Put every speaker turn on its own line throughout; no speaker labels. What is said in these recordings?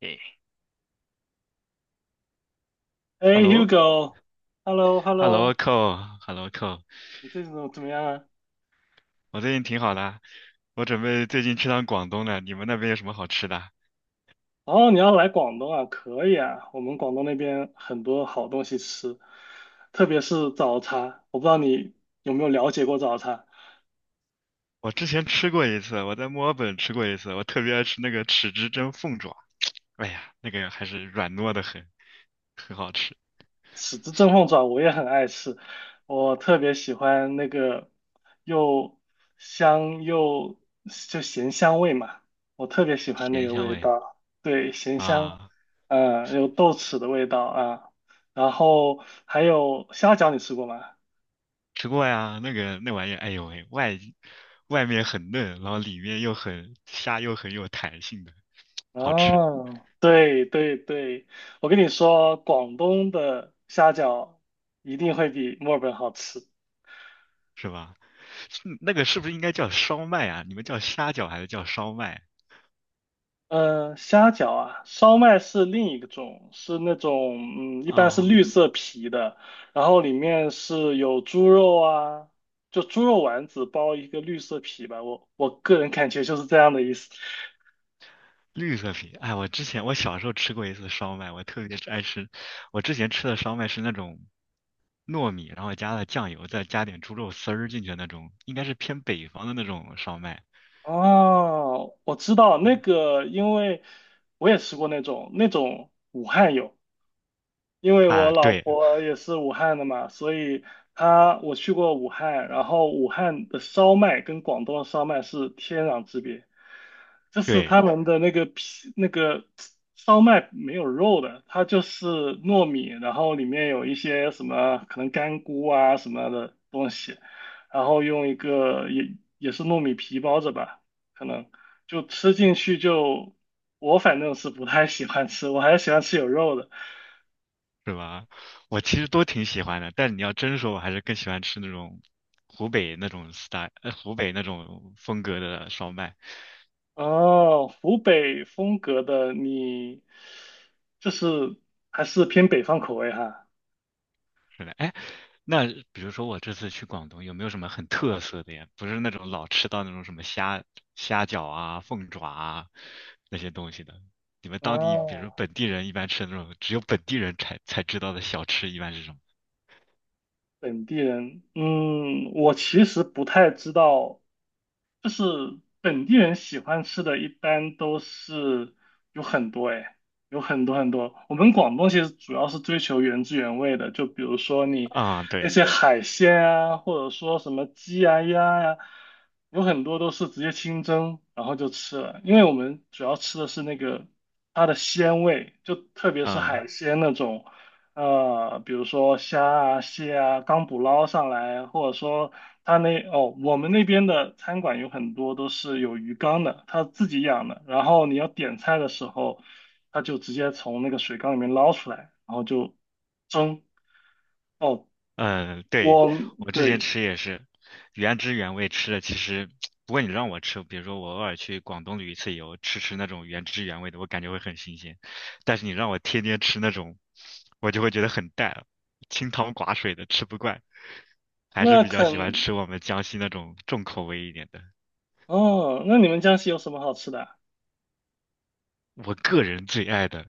诶 h e
哎
l l o h e l l
，Hugo，Hello，Hello，
o c o h e l l o c o
你最近怎么样啊？
我最近挺好的，我准备最近去趟广东呢。你们那边有什么好吃的？
哦，你要来广东啊？可以啊，我们广东那边很多好东西吃，特别是早茶。我不知道你有没有了解过早茶。
我之前吃过一次，我在墨尔本吃过一次，我特别爱吃那个豉汁蒸凤爪。哎呀，那个还是软糯的很，很好吃，
豉汁蒸凤爪我也很爱吃，我特别喜欢那个又香又就咸香味嘛，我特别喜欢那
甜
个
香
味
味
道，对，咸香，
啊，
嗯，有豆豉的味道啊，然后还有虾饺，你吃过吗？
吃过呀。那个那玩意儿，哎呦喂，外面很嫩，然后里面又很虾又很有弹性的，好吃
哦，对对对，我跟你说，广东的虾饺一定会比墨尔本好吃。
是吧？是那个是不是应该叫烧麦啊？你们叫虾饺还是叫烧麦啊
嗯，虾饺啊，烧麦是另一个种，是那种一般是绿
啊，
色皮的，然后里面是有猪肉啊，就猪肉丸子包一个绿色皮吧，我个人感觉就是这样的意思。
绿色皮，哎，我之前我小时候吃过一次烧麦，我特别爱吃。我之前吃的烧麦是那种糯米，然后加了酱油，再加点猪肉丝儿进去的那种，应该是偏北方的那种烧麦
哦，我知道那个，因为我也吃过那种，那种武汉有。因为我
啊。
老
对
婆也是武汉的嘛，所以她我去过武汉，然后武汉的烧麦跟广东的烧麦是天壤之别，就是
对，
他们的那个皮那个烧麦没有肉的，它就是糯米，然后里面有一些什么可能干菇啊什么的东西，然后用一个也是糯米皮包着吧，可能就吃进去就我反正是不太喜欢吃，我还是喜欢吃有肉的。
是吧？我其实都挺喜欢的，但你要真说，我还是更喜欢吃那种湖北那种 style，湖北那种风格的烧麦。
哦，湖北风格的你，就是还是偏北方口味哈。
是的，哎，那比如说我这次去广东，有没有什么很特色的呀？不是那种老吃到那种什么虾饺啊、凤爪啊那些东西的。你们当地，比如说
哦，
本地人一般吃的那种，只有本地人才知道的小吃，一般是什么？
本地人，嗯，我其实不太知道，就是本地人喜欢吃的，一般都是有很多哎，有很多很多。我们广东其实主要是追求原汁原味的，就比如说你
啊、
那
对，
些海鲜啊，或者说什么鸡啊、鸭呀、有很多都是直接清蒸，然后就吃了。因为我们主要吃的是那个它的鲜味，就特别是
啊、
海鲜那种，比如说虾啊、蟹啊，刚捕捞上来，或者说。他那哦，我们那边的餐馆有很多都是有鱼缸的，他自己养的。然后你要点菜的时候，他就直接从那个水缸里面捞出来，然后就蒸。哦，
嗯，对，
我
我之前
对，
吃也是原汁原味吃的。其实，不过你让我吃，比如说我偶尔去广东旅一次游，吃吃那种原汁原味的，我感觉会很新鲜。但是你让我天天吃那种，我就会觉得很淡，清汤寡水的，吃不惯。还是
那
比较喜欢
肯
吃我们江西那种重口味一点的。
哦，那你们江西有什么好吃的啊
我个人最爱的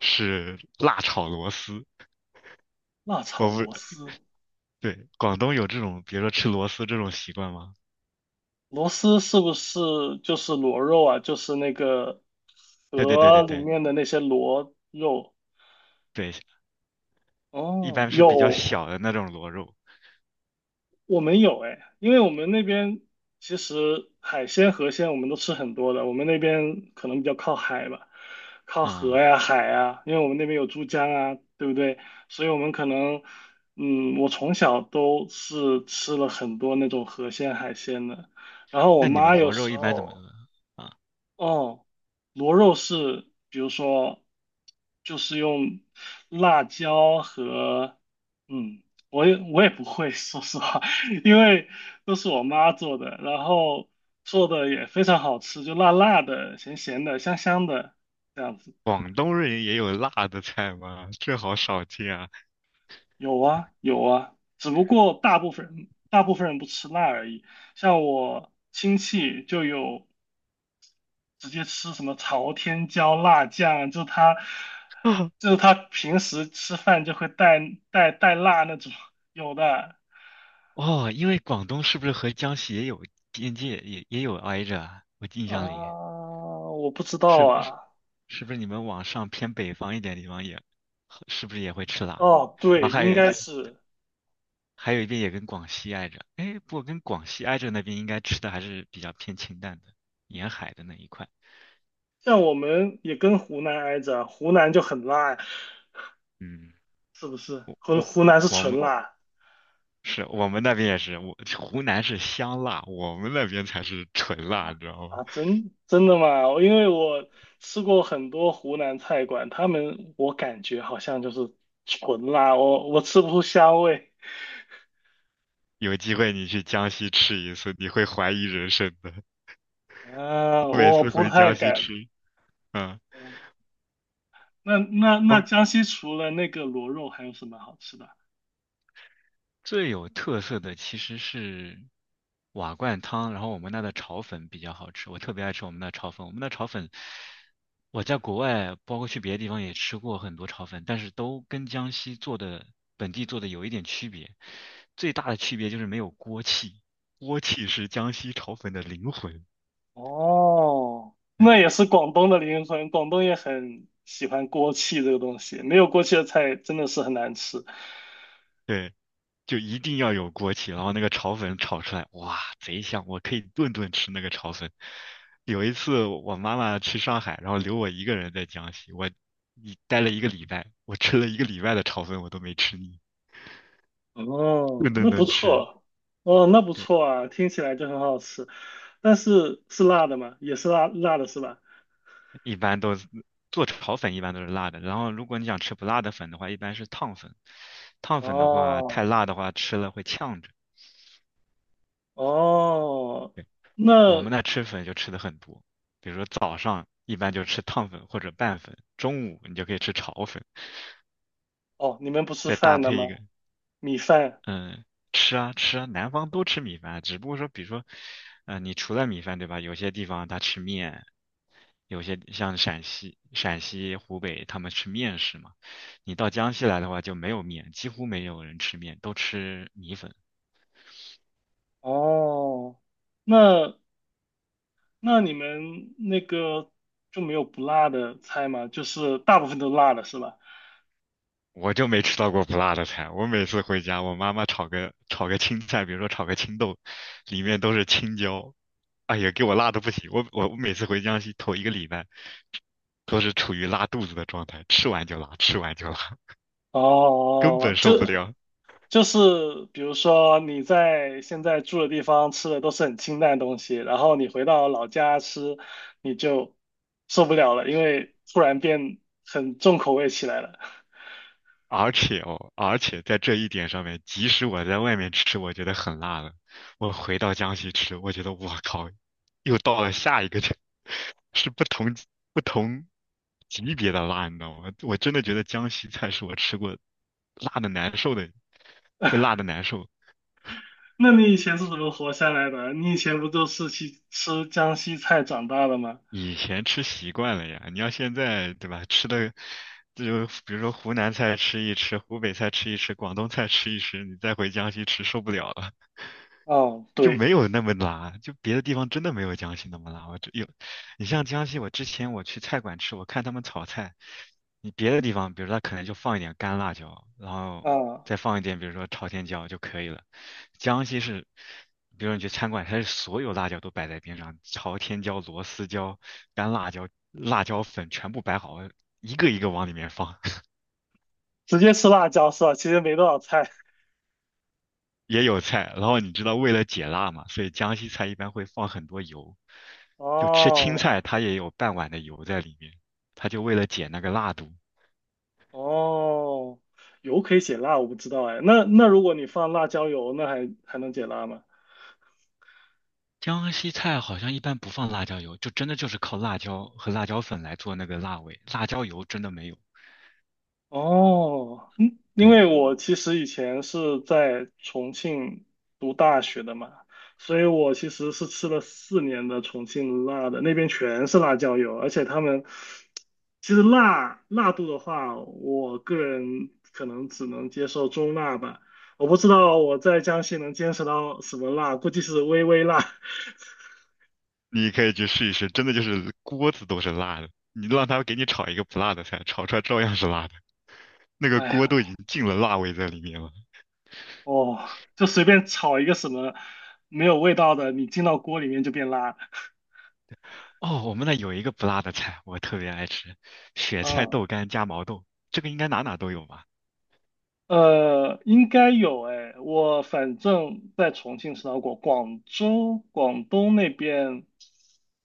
是辣炒螺丝。
辣
我
炒
不，
螺丝，
对，广东有这种，比如说吃螺丝这种习惯吗？
螺丝是不是就是螺肉啊？就是那个
对对对
河
对
里
对。
面的那些螺肉？
对，一
哦，
般是比较
有
小的那种螺肉
我们有哎，因为我们那边其实海鲜河鲜我们都吃很多的，我们那边可能比较靠海吧，靠河
啊。
呀海呀，因为我们那边有珠江啊，对不对？所以我们可能，嗯，我从小都是吃了很多那种河鲜海鲜的，然后我
那你
妈
们
有
螺肉
时
一般怎么
候。
啊？
哦，螺肉是，比如说，就是用辣椒和，嗯，我也不会，说实话，因为都是我妈做的，然后做的也非常好吃，就辣辣的、咸咸的、香香的这样子。
广东人也有辣的菜吗？这好少见啊！
有啊，有啊，只不过大部分人不吃辣而已。像我亲戚就有直接吃什么朝天椒辣酱，就是他
啊
就是他平时吃饭就会带带辣那种，有的
哦，因为广东是不是和江西也有边界，也有挨着啊？我印象里
啊，我不知道
是是
啊，
是不是你们往上偏北方一点地方也是不是也会吃辣？
哦，
然后
对，应该是
还有一边也跟广西挨着，哎，不过跟广西挨着那边应该吃的还是比较偏清淡的，沿海的那一块。
像我们也跟湖南挨着，湖南就很辣，
嗯，
是不是？湖
我
湖南是
我
纯
们
辣
是我们那边也是，我湖南是香辣，我们那边才是纯辣，你知道吗？
啊，真的吗？因为我吃过很多湖南菜馆，他们我感觉好像就是纯辣，我吃不出香味。
有机会你去江西吃一次，你会怀疑人生的。我每
我
次
不
回
太
江西
敢。
吃，嗯，
嗯那
我
江西除了那个螺肉，还有什么好吃的？
最有特色的其实是瓦罐汤，然后我们那的炒粉比较好吃，我特别爱吃我们那炒粉。我们那炒粉，我在国外，包括去别的地方也吃过很多炒粉，但是都跟江西做的本地做的有一点区别。最大的区别就是没有锅气，锅气是江西炒粉的灵魂。
哦，
对。
那也是广东的灵魂，广东也很喜欢锅气这个东西，没有锅气的菜真的是很难吃。
对就一定要有锅气，然后那个炒粉炒出来，哇，贼香！我可以顿顿吃那个炒粉。有一次我妈妈去上海，然后留我一个人在江西，我一待了一个礼拜，我吃了一个礼拜的炒粉，我都没吃腻，顿
哦，
顿
那不
顿吃。
错，哦，那不
对，
错啊，听起来就很好吃。但是是辣的吗？也是辣辣的是吧？
一般都是做炒粉一般都是辣的，然后如果你想吃不辣的粉的话，一般是烫粉。烫粉的话，太
哦
辣的话吃了会呛着。
哦，
我我
那
们那吃粉就吃的很多，比如说早上一般就吃烫粉或者拌粉，中午你就可以吃炒粉，
哦，你们不吃
再搭
饭的
配一
吗？
个，
米饭。
嗯，吃啊吃啊，南方都吃米饭，只不过说，比如说，呃，你除了米饭，对吧？有些地方他吃面，有些像陕西、湖北他们吃面食嘛，你到江西来的话就没有面，几乎没有人吃面，都吃米粉。
哦，那那你们那个就没有不辣的菜吗？就是大部分都辣的是吧？
我就没吃到过不辣的菜。我每次回家，我妈妈炒个青菜，比如说炒个青豆，里面都是青椒，哎呀，给我辣的不行。我每次回江西头一个礼拜，都是处于拉肚子的状态，吃完就拉，吃完就拉，根
哦，
本
就
受不了。
就是比如说你在现在住的地方吃的都是很清淡的东西，然后你回到老家吃，你就受不了了，因为突然变很重口味起来了。
而且哦，而且在这一点上面，即使我在外面吃，我觉得很辣了，我回到江西吃，我觉得我靠，又到了下一个这，是不同级别的辣，你知道吗？我真的觉得江西菜是我吃过辣的难受的，会辣的难受。
那你以前是怎么活下来的？你以前不都是去吃江西菜长大的吗？
以前吃习惯了呀，你要现在对吧？吃的这就比如说湖南菜吃一吃，湖北菜吃一吃，广东菜吃一吃，你再回江西吃受不了了。
哦，
就
对，
没有那么辣，就别的地方真的没有江西那么辣。我只有，你像江西，我之前我去菜馆吃，我看他们炒菜，你别的地方，比如说他可能就放一点干辣椒，然后
啊。
再放一点，比如说朝天椒就可以了。江西是，比如你去餐馆，它是所有辣椒都摆在边上，朝天椒、螺丝椒、干辣椒、辣椒粉全部摆好，一个一个往里面放。
直接吃辣椒是吧？其实没多少菜。
也有菜，然后你知道为了解辣嘛，所以江西菜一般会放很多油，就吃青
哦
菜它也有半碗的油在里面，它就为了解那个辣度。
哦，油可以解辣，我不知道哎。那那如果你放辣椒油，那还还能解辣吗？
江西菜好像一般不放辣椒油，就真的就是靠辣椒和辣椒粉来做那个辣味，辣椒油真的没有。
哦，嗯，因
对，
为我其实以前是在重庆读大学的嘛，所以我其实是吃了4年的重庆辣的，那边全是辣椒油，而且他们其实辣辣度的话，我个人可能只能接受中辣吧。我不知道我在江西能坚持到什么辣，估计是微微辣。
你可以去试一试，真的就是锅子都是辣的，你让他给你炒一个不辣的菜，炒出来照样是辣的，那个
哎，
锅都已经进了辣味在里面了。
哦，就随便炒一个什么没有味道的，你进到锅里面就变辣
哦，我们那有一个不辣的菜，我特别爱吃，雪
啊，
菜
嗯
豆干加毛豆，这个应该哪哪都有吧？
应该有哎，我反正在重庆吃到过，广州、广东那边，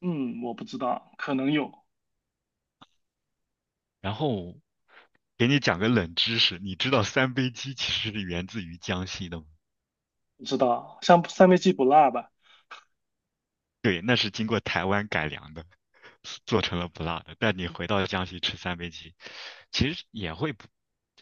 嗯，我不知道，可能有，
然后给你讲个冷知识，你知道三杯鸡其实是源自于江西的吗？
不知道。像三杯鸡不辣吧？
对，那是经过台湾改良的，做成了不辣的。但你回到江西吃三杯鸡，其实也会不，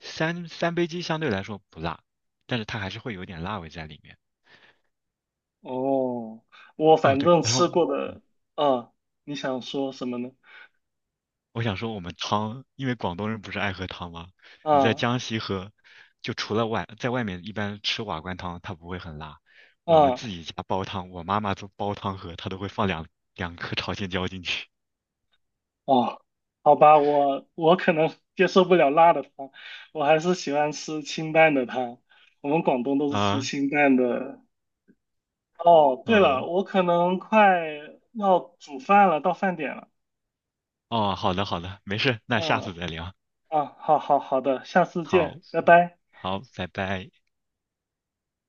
三杯鸡相对来说不辣，但是它还是会有点辣味在里面。
哦，我
哦，
反
对，
正
然
吃
后
过的，啊，你想说什么呢？
我想说，我们汤，因为广东人不是爱喝汤吗？你在
啊
江西喝，就除了外，在外面一般吃瓦罐汤，它不会很辣。我们
啊
自己家煲汤，我妈妈做煲汤喝，她都会放两颗朝天椒进去。
哦，好吧，我可能接受不了辣的汤，我还是喜欢吃清淡的汤。我们广东都是吃
啊，
清淡的。哦，对了，
嗯，
我可能快要煮饭了，到饭点了。
哦，好的好的，没事，那下
嗯
次再聊。
啊，好好好的，下次
好，
见，拜拜。
好，拜拜。